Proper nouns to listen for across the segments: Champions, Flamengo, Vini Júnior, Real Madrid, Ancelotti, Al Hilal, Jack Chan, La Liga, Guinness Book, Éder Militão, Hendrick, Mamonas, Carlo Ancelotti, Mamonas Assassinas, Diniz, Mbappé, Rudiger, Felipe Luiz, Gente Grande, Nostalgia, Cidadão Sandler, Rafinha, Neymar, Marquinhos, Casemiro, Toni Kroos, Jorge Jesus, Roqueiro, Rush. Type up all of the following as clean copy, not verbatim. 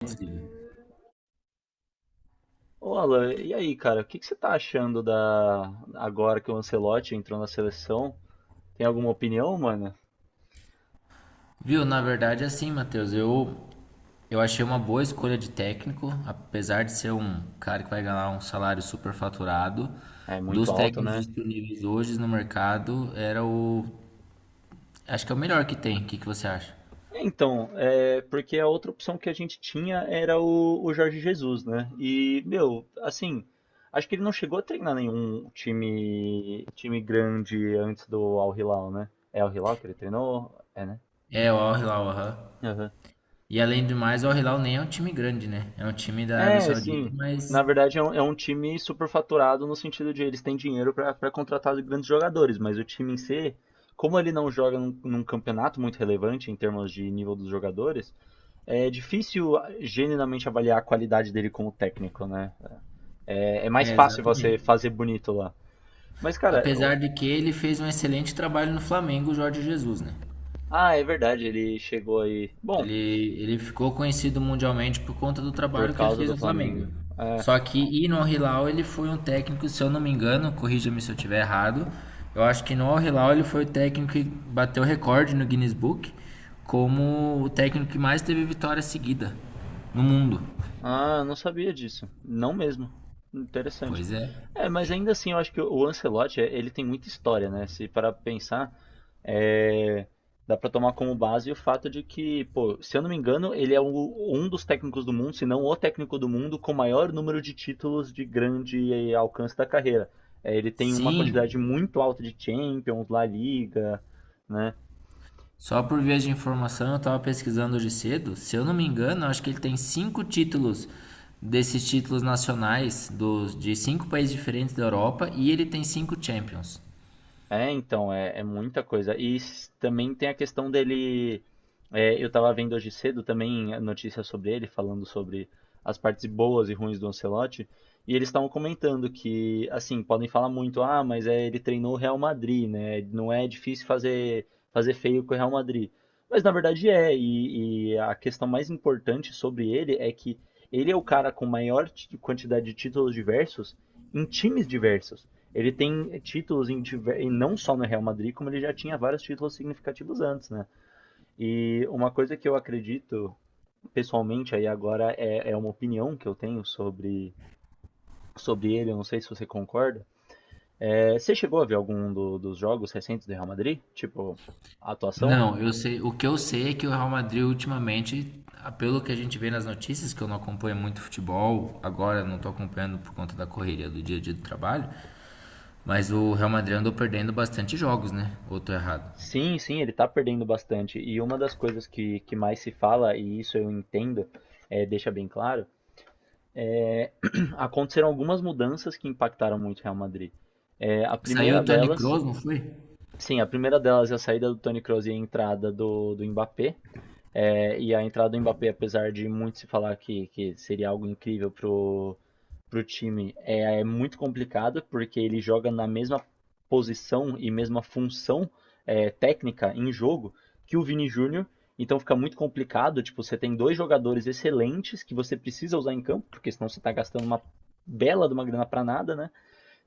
Entendi. Ô, Alan, e aí, cara, o que que você tá achando da agora que o Ancelotti entrou na seleção? Tem alguma opinião, mano? Viu, na verdade, é assim, Matheus, eu achei uma boa escolha de técnico, apesar de ser um cara que vai ganhar um salário super faturado. É muito Dos alto, técnicos né? disponíveis hoje no mercado, era o. Acho que é o melhor que tem. O que que você acha? É, então, é porque a outra opção que a gente tinha era o Jorge Jesus, né? E, meu, assim, acho que ele não chegou a treinar nenhum time grande antes do Al Hilal, né? É Al Hilal que ele treinou? É, né? É, o Al Hilal, aham. E além do mais, o Al Hilal nem é um time grande, né? É um time da Arábia É, Saudita, sim. mas. Na verdade, é um time superfaturado no sentido de eles têm dinheiro para contratar grandes jogadores, mas o time em si, como ele não joga num campeonato muito relevante em termos de nível dos jogadores, é difícil genuinamente avaliar a qualidade dele como técnico, né? É, é mais É, fácil você exatamente. fazer bonito lá. Mas, cara, eu- Apesar de que ele fez um excelente trabalho no Flamengo, o Jorge Jesus, né? É verdade, ele chegou aí. Bom, Ele, ele ficou conhecido mundialmente por conta do por trabalho que ele causa fez do no Flamengo. Flamengo. Só que e no Al-Hilal ele foi um técnico, se eu não me engano, corrija-me se eu estiver errado. Eu acho que no Al-Hilal ele foi o técnico que bateu recorde no Guinness Book como o técnico que mais teve vitória seguida no mundo. Ah, não sabia disso. Não mesmo. Interessante. Pois é. É, mas ainda assim, eu acho que o Ancelotti, ele tem muita história, né? Se parar pra pensar, eh, dá pra tomar como base o fato de que, pô, se eu não me engano, ele é o- um dos técnicos do mundo, se não o técnico do mundo, com maior número de títulos de grande alcance da carreira. Ele tem uma Sim, quantidade muito alta de Champions, La Liga, né? só por via de informação, eu estava pesquisando hoje cedo. Se eu não me engano, eu acho que ele tem cinco títulos desses títulos nacionais dos, de cinco países diferentes da Europa e ele tem cinco Champions. É, então, é, é muita coisa. E s- também tem a questão dele. É, eu tava vendo hoje cedo também a notícia sobre ele, falando sobre as partes boas e ruins do Ancelotti. E eles estavam comentando que, assim, podem falar muito, ah, mas é, ele treinou o Real Madrid, né? Não é difícil fazer, fazer feio com o Real Madrid. Mas na verdade é, e a questão mais importante sobre ele é que ele é o cara com maior ti- quantidade de títulos diversos em times diversos. Ele tem títulos em, e não só no Real Madrid, como ele já tinha vários títulos significativos antes, né? E uma coisa que eu acredito, pessoalmente, aí agora é, é uma opinião que eu tenho sobre, sobre ele, eu não sei se você concorda. É, você chegou a ver algum do- dos jogos recentes do Real Madrid? Tipo, a atuação? Não, eu sei. O que eu sei é que o Real Madrid ultimamente, ah, pelo que a gente vê nas notícias, que eu não acompanho muito futebol, agora não estou acompanhando por conta da correria do dia a dia do trabalho, mas o Real Madrid andou perdendo bastante jogos, né? Ou tô errado? Sim, sim, ele tá perdendo bastante. E uma das coisas que mais se fala, e isso eu entendo, é, deixa bem claro, aconteceram algumas mudanças que impactaram muito o Real Madrid. É, a Saiu primeira o Toni delas. Kroos, não foi? Sim, a primeira delas é a saída do Toni Kroos e a entrada do Mbappé. É, e a entrada do Mbappé, apesar de muito se falar que seria algo incrível pro, pro time, é, é muito complicado, porque ele joga na mesma posição e mesma função técnica em jogo que o Vini Júnior. Então fica muito complicado, tipo, você tem dois jogadores excelentes que você precisa usar em campo, porque senão você está gastando uma bela de uma grana para nada, né?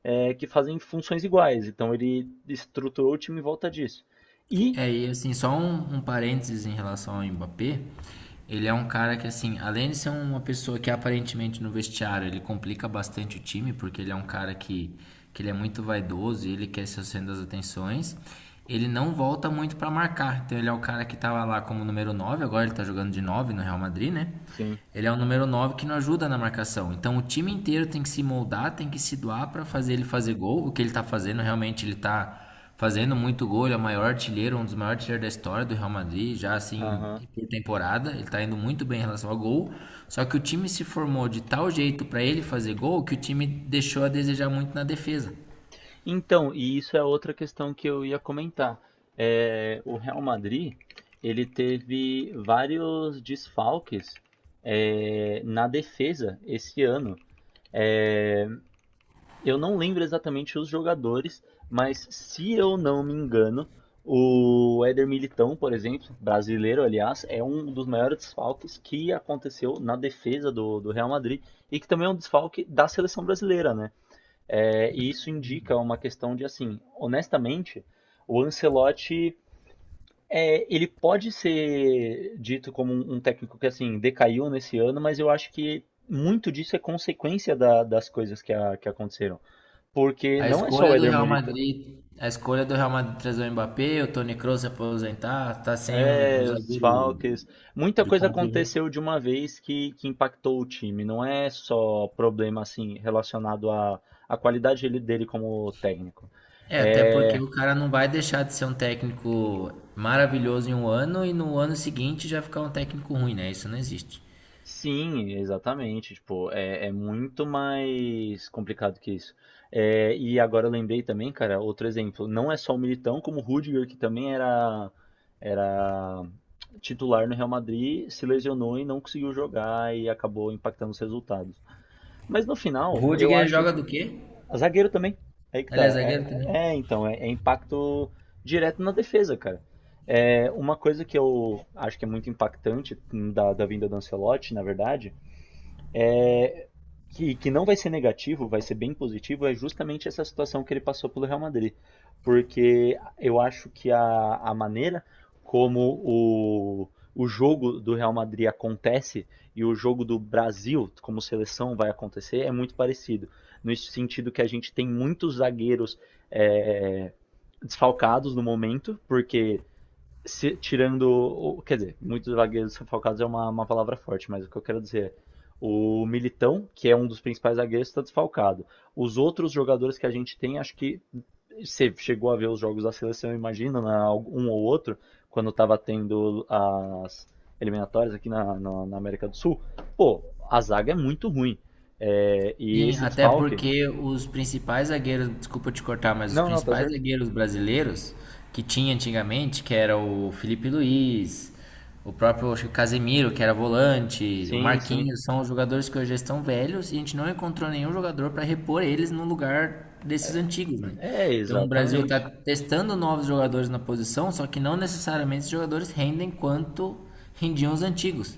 É, que fazem funções iguais. Então ele estruturou o time em volta disso. E. É, e assim, só um parênteses em relação ao Mbappé. Ele é um cara que, assim, além de ser uma pessoa que aparentemente no vestiário ele complica bastante o time, porque ele é um cara que ele é muito vaidoso e ele quer ser o centro das atenções. Ele não volta muito pra marcar. Então ele é o cara que tava lá como número 9. Agora ele tá jogando de 9 no Real Madrid, né? Sim. Ele é o número 9 que não ajuda na marcação. Então o time inteiro tem que se moldar, tem que se doar pra fazer ele fazer gol. O que ele tá fazendo realmente ele tá fazendo muito gol, ele é o maior artilheiro, um dos maiores artilheiros da história do Real Madrid, já assim Aham. por temporada, ele tá indo muito bem em relação ao gol. Só que o time se formou de tal jeito para ele fazer gol que o time deixou a desejar muito na defesa. Então, e isso é outra questão que eu ia comentar. É, o Real Madrid, ele teve vários desfalques, é, na defesa esse ano. É, eu não lembro exatamente os jogadores, mas se eu não me engano, o Éder Militão, por exemplo, brasileiro, aliás, é um dos maiores desfalques que aconteceu na defesa do Real Madrid e que também é um desfalque da seleção brasileira, né? É, e isso indica uma questão de assim, honestamente, o Ancelotti é, ele pode ser dito como um técnico que assim decaiu nesse ano, mas eu acho que muito disso é consequência da- das coisas que, a- que aconteceram. Porque A não é só escolha o do Éder Real Militão, Madrid, a escolha do Real Madrid trazer o Mbappé, o Toni Kroos se aposentar, tá sem um é os zagueiro desfalques. Muita de coisa confiança. aconteceu de uma vez que impactou o time. Não é só problema assim relacionado à, à qualidade dele, dele como técnico. É, até porque É, o cara não vai deixar de ser um técnico maravilhoso em um ano e no ano seguinte já ficar um técnico ruim, né? Isso não existe. sim, exatamente. Tipo, é, é muito mais complicado que isso. É, e agora eu lembrei também, cara, outro exemplo. Não é só o Militão, como o Rudiger, que também era, era titular no Real Madrid, se lesionou e não conseguiu jogar e acabou impactando os resultados. Mas no O final, eu Rudiger acho. joga do quê? Zagueiro também. Aí que Ele é tá. zagueiro É, também. é, então, é, é impacto direto na defesa, cara. É, uma coisa que eu acho que é muito impactante da vinda do Ancelotti, na verdade, é, que não vai ser negativo, vai ser bem positivo, é justamente essa situação que ele passou pelo Real Madrid. Porque eu acho que a maneira como o jogo do Real Madrid acontece e o jogo do Brasil como seleção vai acontecer é muito parecido. No sentido que a gente tem muitos zagueiros é, desfalcados no momento, porque se- tirando, o- quer dizer, muitos zagueiros desfalcados é uma palavra forte, mas o que eu quero dizer é, o Militão, que é um dos principais zagueiros, está desfalcado. Os outros jogadores que a gente tem, acho que você chegou a ver os jogos da seleção, imagina, na- um ou outro, quando estava tendo as eliminatórias aqui na, na- na América do Sul, pô, a zaga é muito ruim. É, e Sim, esse até desfalque. porque os principais zagueiros, desculpa te cortar, mas os Não, não, tá principais certo. zagueiros brasileiros que tinha antigamente, que era o Felipe Luiz, o próprio acho que Casemiro, que era volante, o Sim, sim. Marquinhos, são os jogadores que hoje já estão velhos e a gente não encontrou nenhum jogador para repor eles no lugar desses antigos, né? É, Então o Brasil está exatamente. testando novos jogadores na posição, só que não necessariamente esses jogadores rendem quanto rendiam os antigos.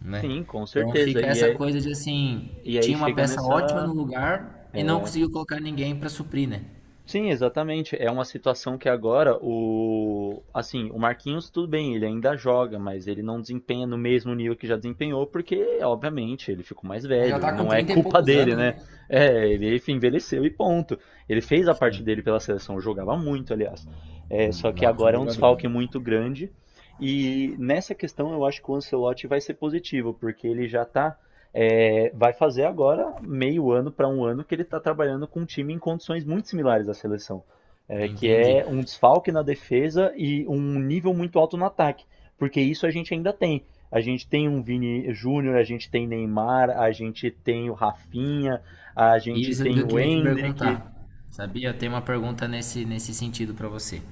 né? Sim, com Então certeza. fica E essa é, coisa de assim, e aí tinha uma chega peça ótima no nessa. lugar e não conseguiu colocar ninguém para suprir, né? Sim, exatamente. É uma situação que agora o. Assim, o Marquinhos, tudo bem, ele ainda joga, mas ele não desempenha no mesmo nível que já desempenhou, porque, obviamente, ele ficou mais Ele já velho. tá E com não é 30 e culpa poucos dele, anos, né? né? É, ele enfim, envelheceu e ponto. Ele fez a parte Sim, dele pela seleção, jogava muito, aliás. É, só um que ótimo agora é um jogador. desfalque muito grande. E nessa questão eu acho que o Ancelotti vai ser positivo, porque ele já está. É, vai fazer agora meio ano para um ano que ele está trabalhando com um time em condições muito similares à seleção, é, que Entendi. é um desfalque na defesa e um nível muito alto no ataque, porque isso a gente ainda tem. A gente tem um Vini Júnior, a gente tem Neymar, a gente tem o Rafinha, a gente Isso que tem eu o queria te Hendrick. perguntar. Sabia? Eu tenho uma pergunta nesse sentido para você.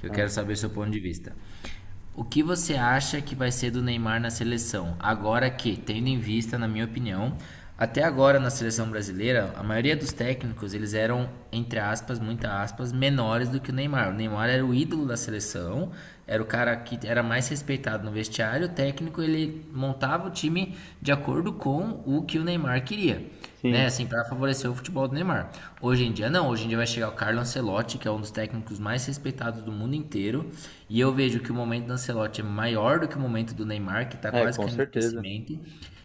Que eu quero Ah, saber seu ponto de vista. O que você acha que vai ser do Neymar na seleção? Agora que, tendo em vista, na minha opinião, até agora na seleção brasileira, a maioria dos técnicos, eles eram, entre aspas, muitas aspas, menores do que o Neymar. O Neymar era o ídolo da seleção, era o cara que era mais respeitado no vestiário, o técnico, ele montava o time de acordo com o que o Neymar queria, né, sim, assim, para favorecer o futebol do Neymar. Hoje em dia não, hoje em dia vai chegar o Carlo Ancelotti, que é um dos técnicos mais respeitados do mundo inteiro, e eu vejo que o momento do Ancelotti é maior do que o momento do Neymar, que tá é, quase com caindo em certeza. esquecimento.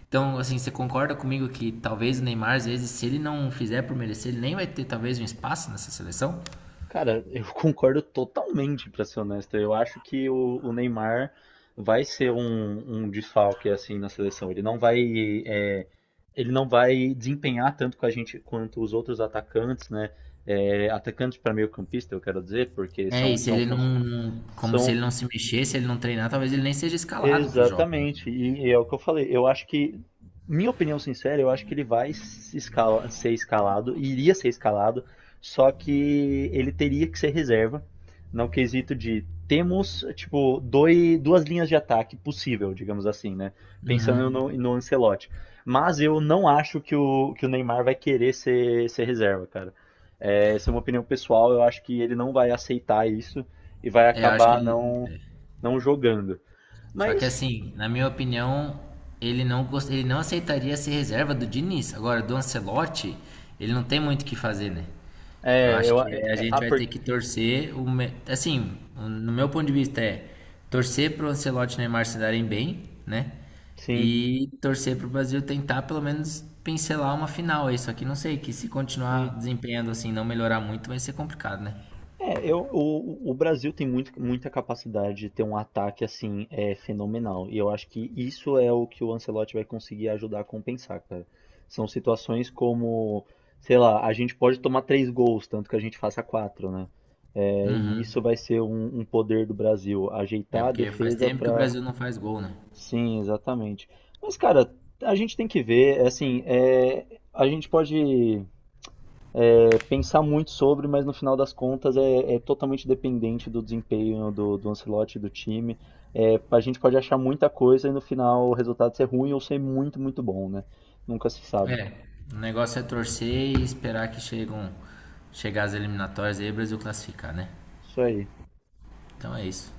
Então, assim, você concorda comigo que talvez o Neymar, às vezes, se ele não fizer por merecer, ele nem vai ter talvez um espaço nessa seleção? Cara, eu concordo totalmente, pra ser honesto. Eu acho que o Neymar vai ser um, um desfalque assim na seleção. Ele não vai, é, ele não vai desempenhar tanto com a gente quanto os outros atacantes, né? É, atacantes para meio-campista, eu quero dizer, porque É, e são, se são, ele fun- como se são. ele não se mexer, se ele não treinar, talvez ele nem seja escalado para os jogos, né? Exatamente. E é o que eu falei. Eu acho que, minha opinião sincera, eu acho que ele vai se escala- ser escalado, iria ser escalado, só que ele teria que ser reserva, no quesito de temos, tipo, dois, duas linhas de ataque possível, digamos assim, né? Pensando no Ancelotti. Mas eu não acho que o Neymar vai querer ser, ser reserva, cara. É, essa é uma opinião pessoal, eu acho que ele não vai aceitar isso e vai É, eu acho que acabar ele. não, não jogando. Só que Mas assim, na minha opinião, ele não aceitaria ser reserva do Diniz. Agora, do Ancelotti, ele não tem muito o que fazer, né? Eu é, acho eu. que É, é, a é, gente ah, vai ter porque, que torcer assim, no meu ponto de vista é torcer pro Ancelotti e Neymar se darem bem, né? sim, E torcer pro Brasil tentar pelo menos pincelar uma final aí, só que não sei que se continuar sim. desempenhando assim, não melhorar muito, vai ser complicado, né? É, eu, o Brasil tem muito, muita capacidade de ter um ataque assim é, fenomenal. E eu acho que isso é o que o Ancelotti vai conseguir ajudar a compensar, cara. São situações como, sei lá, a gente pode tomar 3 gols, tanto que a gente faça quatro, né? É, e isso vai ser um poder do Brasil, É ajeitar a porque faz defesa tempo que o pra. Brasil não faz gol, né? Sim, exatamente. Mas, cara, a gente tem que ver, é assim, é, a gente pode é, pensar muito sobre, mas no final das contas é, é totalmente dependente do desempenho do Ancelotti e do time. É, a gente pode achar muita coisa e no final o resultado ser ruim ou ser muito, muito bom, né? Nunca se sabe. É, o negócio é torcer e esperar que chegar as eliminatórias aí e o Brasil classificar, né? Isso aí. Então é isso.